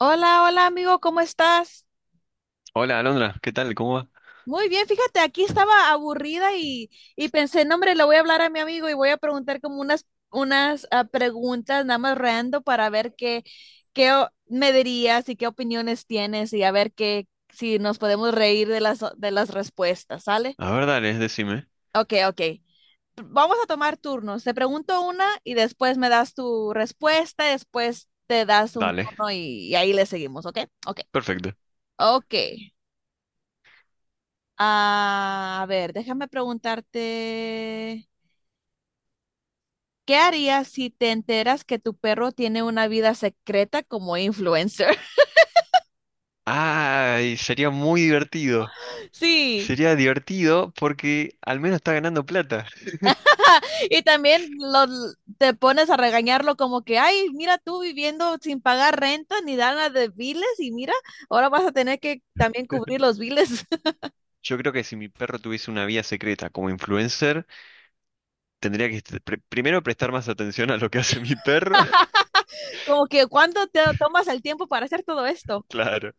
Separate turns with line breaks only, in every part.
Hola, hola amigo, ¿cómo estás?
Hola, Alondra, ¿qué tal? ¿Cómo va?
Muy bien, fíjate, aquí estaba aburrida y pensé, no, hombre, le voy a hablar a mi amigo y voy a preguntar como unas preguntas nada más random para ver qué, qué me dirías y qué opiniones tienes y a ver qué, si nos podemos reír de las respuestas, ¿sale?
A ver, dale, decime.
Ok, ok. Vamos a tomar turnos. Te pregunto una y después me das tu respuesta, después te das un
Dale,
turno y ahí le seguimos, ¿ok? Ok.
perfecto.
Ok. A ver, déjame preguntarte, ¿qué harías si te enteras que tu perro tiene una vida secreta como influencer?
Ay, sería muy divertido.
Sí,
Sería divertido porque al menos está ganando plata.
y también te pones a regañarlo como que, ay, mira tú viviendo sin pagar renta ni nada de biles y mira, ahora vas a tener que también cubrir los biles.
Yo creo que si mi perro tuviese una vía secreta como influencer, tendría que primero prestar más atención a lo que hace mi perro.
Como que, ¿cuándo te tomas el tiempo para hacer todo esto?
Claro.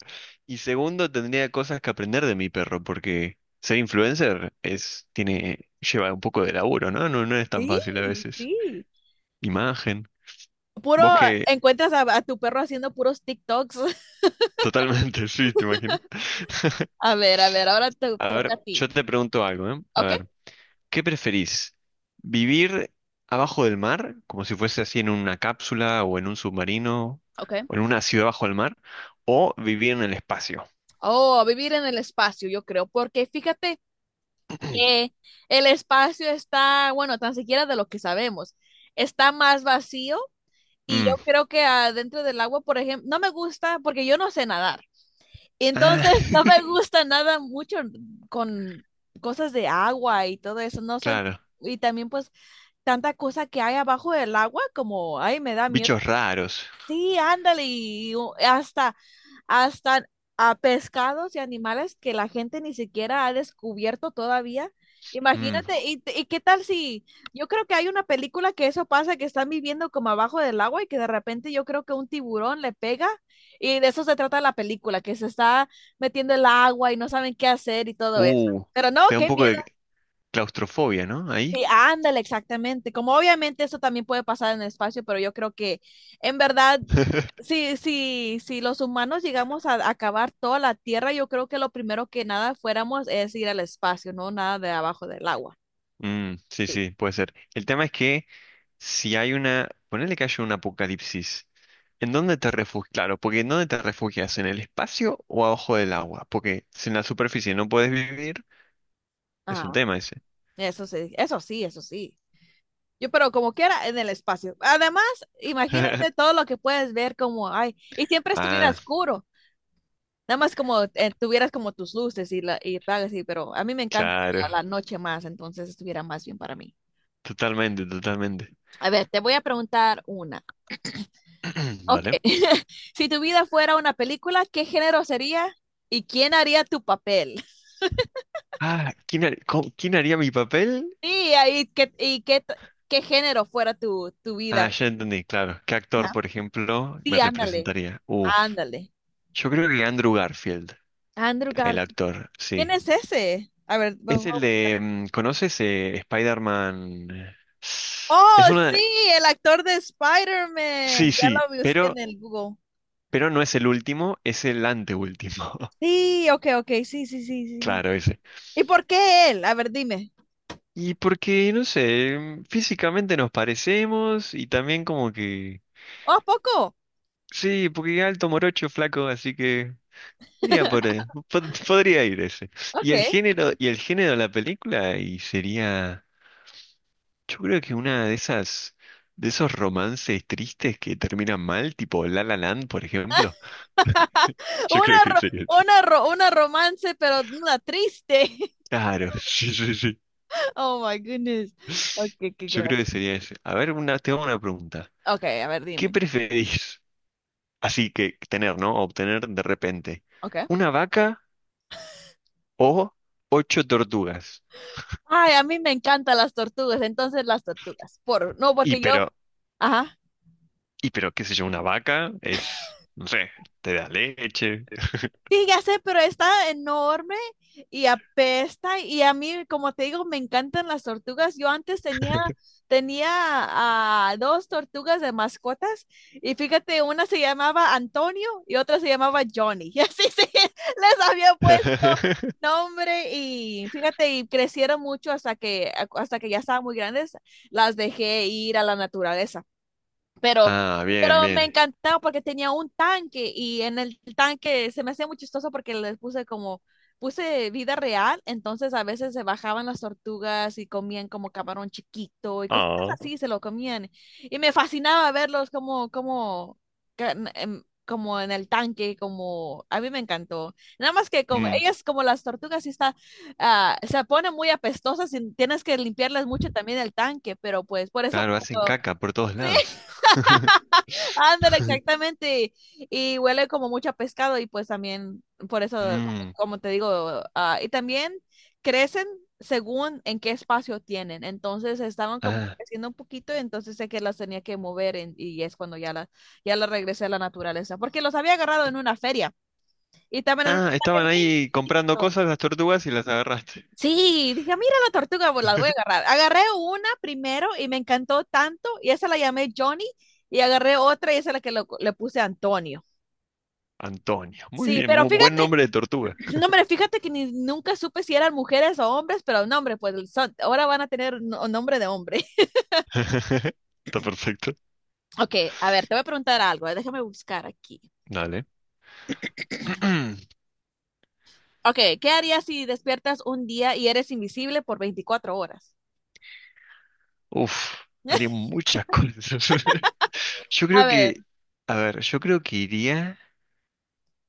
Y segundo, tendría cosas que aprender de mi perro, porque ser influencer lleva un poco de laburo, ¿no? No, no es tan
Sí,
fácil a veces.
sí.
Imagen.
Puro,
Vos que
encuentras a tu perro haciendo puros TikToks.
Totalmente. Sí, te imaginas.
A ver, ahora te
A
toca
ver,
a ti.
yo te pregunto algo, ¿eh? A
Ok,
ver, ¿qué preferís? ¿Vivir abajo del mar, como si fuese así en una cápsula o en un submarino,
ok.
o en una ciudad bajo el mar? ¿O vivir en el espacio?
Oh, a vivir en el espacio, yo creo, porque fíjate que el espacio está, bueno, tan siquiera de lo que sabemos, está más vacío y
Mm.
yo creo que adentro del agua, por ejemplo, no me gusta porque yo no sé nadar.
Ah.
Entonces, no me gusta nada mucho con cosas de agua y todo eso. No soy,
Claro.
y también pues tanta cosa que hay abajo del agua, como, ay, me da miedo.
Bichos raros.
Sí, ándale, y hasta a pescados y animales que la gente ni siquiera ha descubierto todavía.
Mm.
Imagínate, y qué tal si, yo creo que hay una película que eso pasa, que están viviendo como abajo del agua y que de repente yo creo que un tiburón le pega y de eso se trata la película, que se está metiendo el agua y no saben qué hacer y todo eso.
Uh,
Pero no,
Te da un
qué.
poco de claustrofobia, ¿no? Ahí.
Sí, ándale, exactamente. Como obviamente eso también puede pasar en el espacio, pero yo creo que en verdad, si los humanos llegamos a acabar toda la Tierra, yo creo que lo primero que nada fuéramos es ir al espacio, no nada de abajo del agua.
Mm, sí,
Sí.
sí, puede ser. El tema es que si hay ponele que haya un apocalipsis, ¿en dónde te refugias? Claro, porque ¿en dónde te refugias? ¿En el espacio o abajo del agua? Porque si en la superficie no puedes vivir, es
Ah,
un tema ese.
eso sí, eso sí, eso sí. Yo, pero como quiera, en el espacio. Además, imagínate todo lo que puedes ver como, ay, y siempre estuviera
Ah,
oscuro. Nada más como tuvieras como tus luces y, la, y tal, y pero a mí me encanta
claro.
la noche más, entonces estuviera más bien para mí.
Totalmente, totalmente.
A ver, te voy a preguntar una. Ok,
Dale.
si tu vida fuera una película, ¿qué género sería y quién haría tu papel?
Ah, ¿Quién haría mi papel?
Sí, ahí, ¿qué, y qué, t- qué género fuera tu
Ah,
vida?
ya entendí, claro. ¿Qué actor,
Ajá.
por ejemplo,
Sí,
me
ándale,
representaría? Uf.
ándale.
Yo creo que Andrew Garfield,
Andrew
el
Garfield.
actor,
¿Quién
sí.
es ese? A ver, bu-
Es el
bu-
de. ¿Conoces Spider-Man?
oh,
Es una.
sí, el actor de
Sí,
Spider-Man.
sí,
Ya lo busqué
pero
en el Google.
Pero no es el último, es el anteúltimo.
Sí, ok, ok, sí, sí, sí, sí.
Claro, ese.
¿Y por qué él? A ver, dime.
Y porque, no sé, físicamente nos parecemos y también como que.
¿Oh, poco?
Sí, porque alto morocho, flaco, así que. Sería por, podría ir ese. Y
Ok.
el género, y el género de la película, y sería, yo creo que de esos romances tristes que terminan mal, tipo La La Land, por ejemplo. Yo
Una,
creo que
ro-
sería así.
una, ro- una romance, pero una triste.
Claro, sí, sí, sí.
Oh my goodness. Ok, qué
Yo creo que
gracia.
sería ese. A ver, te hago una pregunta.
Ok, a ver,
¿Qué
dime.
preferís? Así que tener, ¿no? Obtener de repente
Ok.
una vaca o ocho tortugas.
Ay, a mí me encantan las tortugas, entonces las tortugas. Por, no,
Y
porque yo,
pero,
ajá.
y pero, qué sé yo, una vaca es, no sé, te da leche.
Sí, ya sé, pero está enorme y apesta. Y a mí, como te digo, me encantan las tortugas. Yo antes tenía, tenía dos tortugas de mascotas y fíjate, una se llamaba Antonio y otra se llamaba Johnny. Y así sí, les había puesto nombre y fíjate, y crecieron mucho hasta que ya estaban muy grandes. Las dejé ir a la naturaleza. Pero,
Ah, bien,
pero, me
bien.
encantaba porque tenía un tanque y en el tanque se me hacía muy chistoso porque les puse como, puse vida real, entonces a veces se bajaban las tortugas y comían como camarón chiquito y cosas
Ah.
así, se lo comían. Y me fascinaba verlos como, como, ca- n- em, como en el tanque, como, a mí me encantó. Nada más que como,
Mm,
ellas como las tortugas sí está, se ponen muy apestosas y tienes que limpiarles mucho también el tanque, pero pues por eso.
claro, hacen
Cuando.
caca por todos lados.
Ándale, exactamente. Y huele como mucho a pescado y pues también, por eso,
Mm,
como te digo, y también crecen según en qué espacio tienen. Entonces estaban como
ah.
creciendo un poquito, entonces sé que las tenía que mover y es cuando ya la regresé a la naturaleza, porque los había agarrado en una feria y también en un
Ah, estaban
empaque bien
ahí comprando
chiquito.
cosas las tortugas y las agarraste.
Sí, dije, "Ah, mira la tortuga, pues la voy a agarrar". Agarré una primero y me encantó tanto y esa la llamé Johnny y agarré otra y esa es la que le puse Antonio.
Antonio. Muy
Sí,
bien,
pero
muy buen
fíjate,
nombre de tortuga.
no, hombre, fíjate que ni, nunca supe si eran mujeres o hombres, pero no, hombre, pues son- ahora van a tener nombre de hombre.
Está perfecto.
Ok, a ver, te voy a preguntar algo, déjame buscar aquí.
Dale.
Ok, ¿qué harías si despiertas un día y eres invisible por 24 horas?
Uf, haría muchas cosas. Yo
A
creo
ver,
que, a ver, yo creo que iría,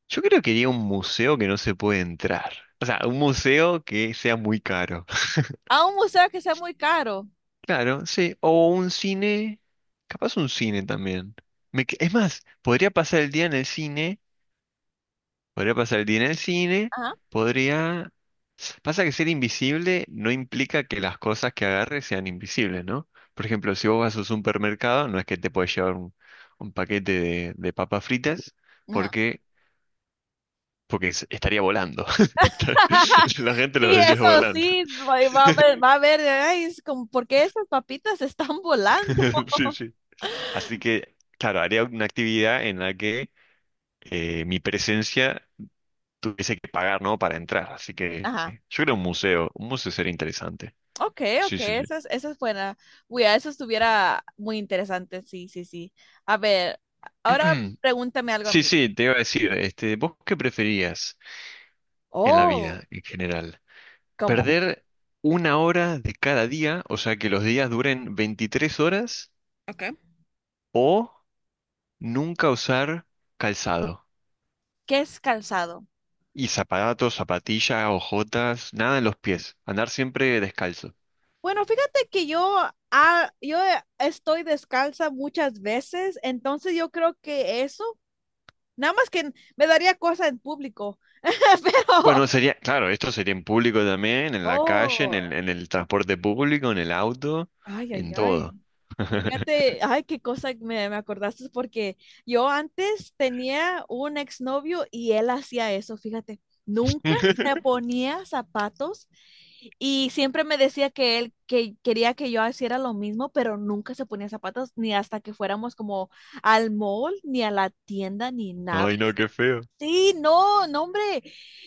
yo creo que iría a un museo que no se puede entrar. O sea, un museo que sea muy caro.
a un museo que sea muy caro.
Claro, sí. O un cine, capaz un cine también. Es más, podría pasar el día en el cine. Podría pasar el día en el cine,
Ajá,
podría... Pasa que ser invisible no implica que las cosas que agarres sean invisibles, ¿no? Por ejemplo, si vos vas a un supermercado, no es que te puedes llevar un paquete de papas fritas,
ajá.
porque, porque estaría volando. La gente lo
Sí,
vendría
eso
volando.
sí, va a ver, ay, es como, ¿por qué estas papitas están volando?
Sí, sí. Así que, claro, haría una actividad en la que mi presencia tuviese que pagar, ¿no? Para entrar. Así que
Ajá.
yo creo un museo. Un museo sería interesante.
Ok,
Sí,
ok,
sí, sí.
esa es buena. Uy, a eso estuviera muy interesante, sí, sí, sí. A ver, ahora pregúntame algo a
Sí,
mí.
sí, te iba a decir, este, ¿vos qué preferías en la
Oh,
vida en general?
¿cómo?
¿Perder una hora de cada día, o sea, que los días duren 23 horas,
Okay.
o nunca usar calzado?
¿Qué es calzado?
Y zapatos, zapatillas, ojotas, nada en los pies, andar siempre descalzo.
Bueno, fíjate que yo, yo estoy descalza muchas veces, entonces yo creo que eso, nada más que me daría cosa en público,
Bueno,
pero.
sería, claro, esto sería en público también, en la calle, en el,
Oh,
en el transporte público, en el auto,
ay, ay,
en
ay.
todo.
Fíjate, ay, qué cosa me acordaste porque yo antes tenía un exnovio y él hacía eso, fíjate, nunca se ponía zapatos y siempre me decía que él que quería que yo hiciera lo mismo, pero nunca se ponía zapatos ni hasta que fuéramos como al mall, ni a la tienda, ni nada.
Ay, no, qué feo.
Sí, no, no, hombre.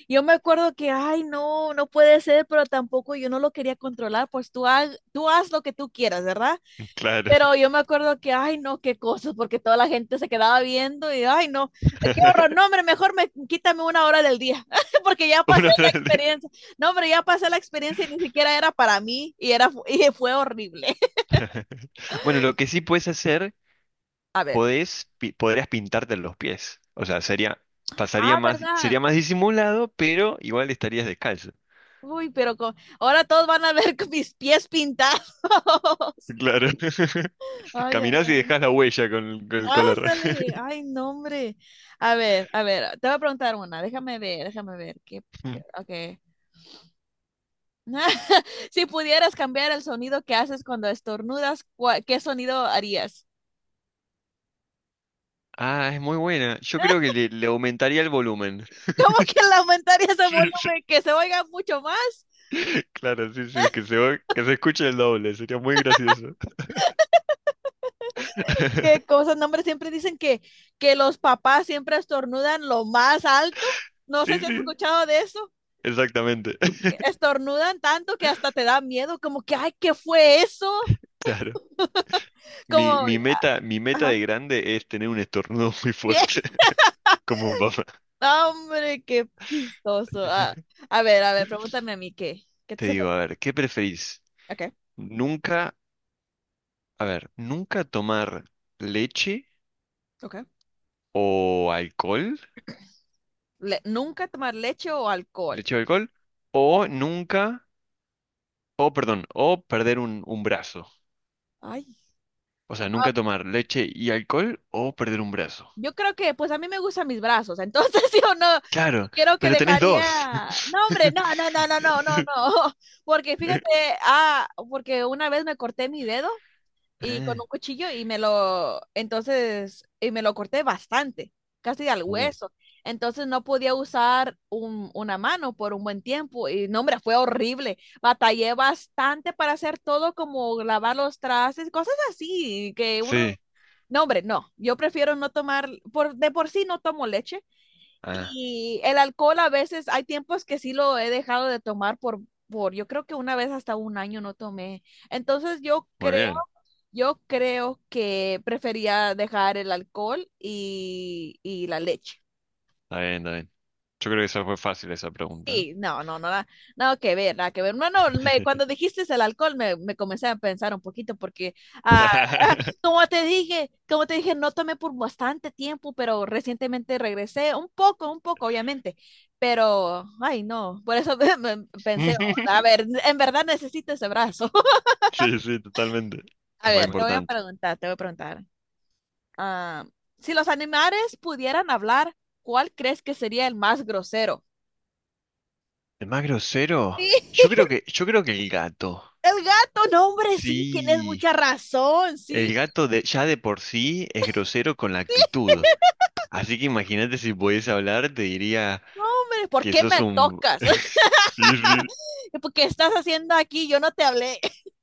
Yo me acuerdo que, ay, no, no puede ser, pero tampoco yo no lo quería controlar, pues tú, tú haz lo que tú quieras, ¿verdad?
Claro.
Pero yo me acuerdo que, ay, no, qué cosas, porque toda la gente se quedaba viendo y, ay, no, qué horror, no, hombre, quítame una hora del día, porque ya pasé
Una hora
la
al día.
experiencia. No, hombre, ya pasé la experiencia y ni siquiera era para mí y fue horrible.
Bueno, lo que sí puedes hacer,
A ver,
podrías pintarte los pies. O sea, sería, pasaría
ah,
más,
¿verdad?
sería más disimulado, pero igual estarías descalzo.
Uy, pero con. Ahora todos van a ver con mis pies pintados.
Claro.
Ay, ay,
Caminás y
ay.
dejás la huella con el color.
Ándale. Ay, no, hombre. A ver, te voy a preguntar una. Déjame ver, déjame ver. ¿Qué? Ok. Si pudieras cambiar el sonido que haces cuando estornudas, ¿qué sonido harías?
Ah, es muy buena. Yo creo que le aumentaría el volumen.
Como que lamentaría el
Sí, sí.
volumen, que se oiga mucho más.
Claro, sí, sí, que se escuche el doble, sería muy gracioso.
¿Qué cosas? No, hombre, siempre dicen que los papás siempre estornudan lo más alto. No sé
Sí,
si has
sí,
escuchado de eso.
exactamente.
Que estornudan tanto que hasta te da miedo, como que, ay, ¿qué fue eso?
Claro. Mi,
Como,
mi meta, mi meta de
ajá.
grande es tener un estornudo muy
Bien.
fuerte, como papá.
No, hombre, qué chistoso. Ah, a ver, pregúntame a mí qué. ¿Qué
Te
se, te?
digo, a ver, ¿qué preferís?
Ok,
Nunca, a ver, nunca tomar leche
ok.
o alcohol,
Nunca tomar leche o alcohol.
leche o alcohol, o nunca, o perdón, o perder un brazo.
Ay.
O sea,
Ah.
nunca tomar leche y alcohol o perder un brazo.
Yo creo que, pues a mí me gustan mis brazos, entonces yo no
Claro,
quiero que
pero tenés dos.
dejaría. No, hombre, no, no, no, no, no, no, no. Porque fíjate, porque una vez me corté mi dedo y con
Ah,
un cuchillo y me lo, entonces, y me lo corté bastante, casi al
uh,
hueso. Entonces no podía usar una mano por un buen tiempo y no, hombre, fue horrible. Batallé bastante para hacer todo como lavar los trastes, cosas así, que uno,
sí,
no, hombre, no, yo prefiero no tomar, por, de por sí no tomo leche
ah,
y el alcohol a veces, hay tiempos que sí lo he dejado de tomar por, yo creo que una vez hasta un año no tomé. Entonces yo
muy
creo
bien,
yo creo que prefería dejar el alcohol y la leche.
está bien, está bien. Yo creo que esa fue fácil esa pregunta.
Sí, no, no, no, nada, nada que ver, nada que ver. No, no, cuando dijiste el alcohol me comencé a pensar un poquito porque, ah, como te dije, no tomé por bastante tiempo, pero recientemente regresé, un poco, obviamente, pero, ay, no, por eso me pensé, a ver, en verdad necesito ese brazo.
Sí, sí, totalmente.
A
Es más
ver, te voy a
importante.
preguntar, te voy a preguntar. ah, si los animales pudieran hablar, ¿cuál crees que sería el más grosero?
¿El más grosero?
Sí,
Yo creo que el gato.
el gato, no, hombre, sí, tienes
Sí,
mucha razón, sí.
el gato ya de por sí es grosero con la actitud. Así que imagínate si pudiese hablar, te diría
No, hombre, ¿por
que
qué
sos
me
un.
tocas?
Sí,
¿Porque estás haciendo aquí? Yo no te hablé.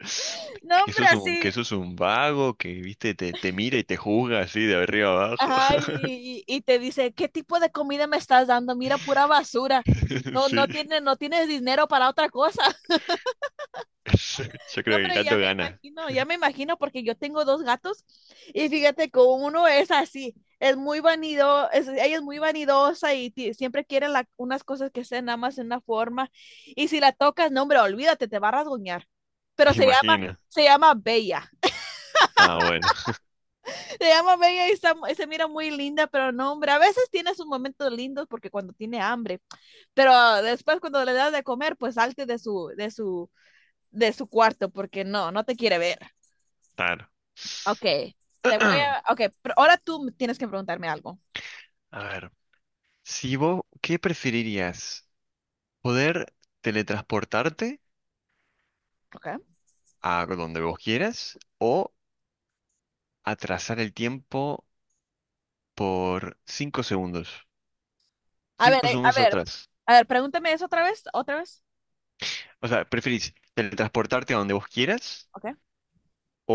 sí.
No,
Que
hombre,
sos un,
así.
que sos un vago, que, viste, te mira y te juzga así de arriba abajo.
Ajá, y te dice, ¿qué tipo de comida me estás dando? Mira, pura basura. No,
Sí.
no tienes dinero para otra cosa.
Yo creo
No,
que el
hombre,
gato gana.
ya me imagino porque yo tengo dos gatos y fíjate que uno es así, es muy vanido, ella es muy vanidosa y siempre quiere unas cosas que sean nada más en una forma y si la tocas, no, hombre, olvídate, te va a rasguñar. Pero se llama,
Imagina.
se llama Bella.
Ah, bueno,
Ah, se llama Bella y, está y se mira muy linda, pero no, hombre, a veces tiene sus momentos lindos porque cuando tiene hambre, pero después cuando le das de comer, pues salte de su, de su cuarto porque no, no te quiere ver.
claro.
Ok, te voy a. Ok, pero ahora tú me tienes que preguntarme algo.
A ver, si vos, ¿qué preferirías? ¿Poder teletransportarte
Ok.
a donde vos quieras o atrasar el tiempo por 5 segundos?
A ver,
cinco
a
segundos
ver,
atrás.
a ver, pregúntame eso otra vez, otra vez.
O sea, ¿preferís teletransportarte a donde vos quieras
Ok.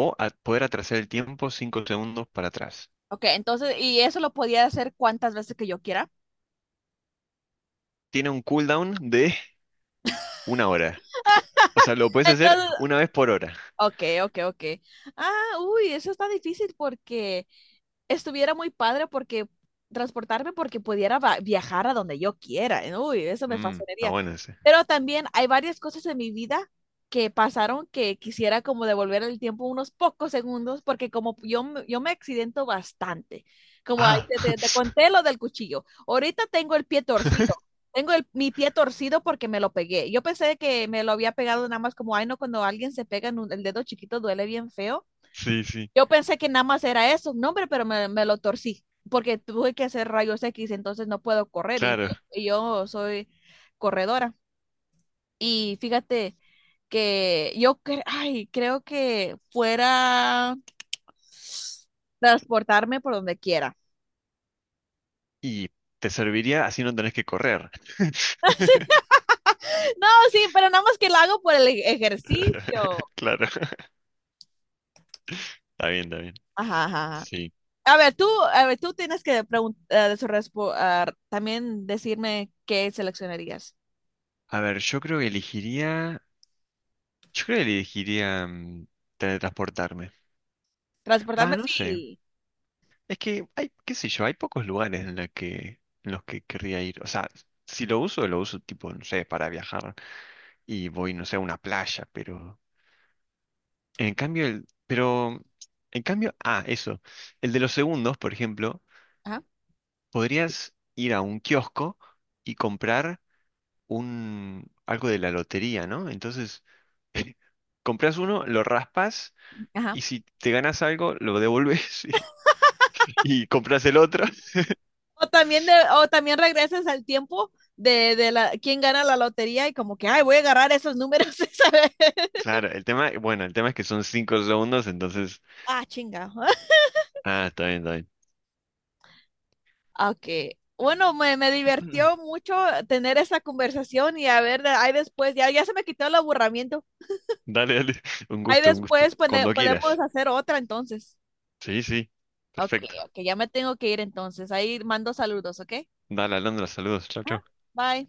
o poder atrasar el tiempo 5 segundos para atrás?
Ok, entonces, y eso lo podía hacer cuantas veces que yo quiera.
Tiene un cooldown de una hora. O sea, lo puedes hacer
Entonces,
una vez por hora.
ok, ok, ok. Ah, uy, eso está difícil porque estuviera muy padre porque transportarme porque pudiera viajar a donde yo quiera. ¿Eh? Uy, eso me
Está
fascinaría.
bueno ese.
Pero también hay varias cosas en mi vida que pasaron que quisiera como devolver el tiempo unos pocos segundos porque como yo, yo me accidento bastante. Como ahí
Ah.
te, te conté lo del cuchillo. Ahorita tengo el pie torcido. Tengo mi pie torcido porque me lo pegué. Yo pensé que me lo había pegado nada más como, ay, no, cuando alguien se pega en el dedo chiquito duele bien feo,
Sí, sí,
yo pensé que nada más era eso, un nombre, pero me lo torcí, porque tuve que hacer rayos X, entonces no puedo correr
claro.
y yo soy corredora. Y fíjate que yo ay, creo que fuera transportarme por donde quiera.
Y te serviría así no tenés que correr.
No, sí, pero nada más que lo hago por el ejercicio.
Claro. Está bien, está bien.
Ajá, ajá, ajá.
Sí.
A ver, tú, a ver, tú tienes que preguntar, también decirme qué seleccionarías.
A ver, yo creo que elegiría. Yo creo que elegiría teletransportarme. Va,
Transportarme,
no sé.
sí.
Es que hay, qué sé yo, hay pocos lugares en los que querría ir. O sea, si lo uso, lo uso tipo, no sé, para viajar. Y voy, no sé, a una playa, pero. En cambio, el. Pero. En cambio, ah, eso. El de los segundos, por ejemplo.
Ajá,
Podrías ir a un kiosco y comprar un algo de la lotería, ¿no? Entonces, compras uno, lo raspas
ajá.
y si te ganas algo, lo devuelves y compras el otro.
O también, de, o también regresas al tiempo de la, quién gana la lotería y como que, ay, voy a agarrar esos números esa vez.
Claro, el tema, es que son 5 segundos, entonces,
Ah, chinga.
está bien, está bien.
Ok. Bueno, me divertió mucho tener esa conversación y a ver, ahí después, ya, ya se me quitó el aburrimiento.
Dale, dale, un
Ahí
gusto, un gusto.
después
Cuando
podemos
quieras.
hacer otra entonces.
Sí, sí,
Ok,
perfecto.
ok, ya me tengo que ir entonces. Ahí mando saludos, ¿ok?
Dale, Alondra, saludos. Chao, chao.
Bye.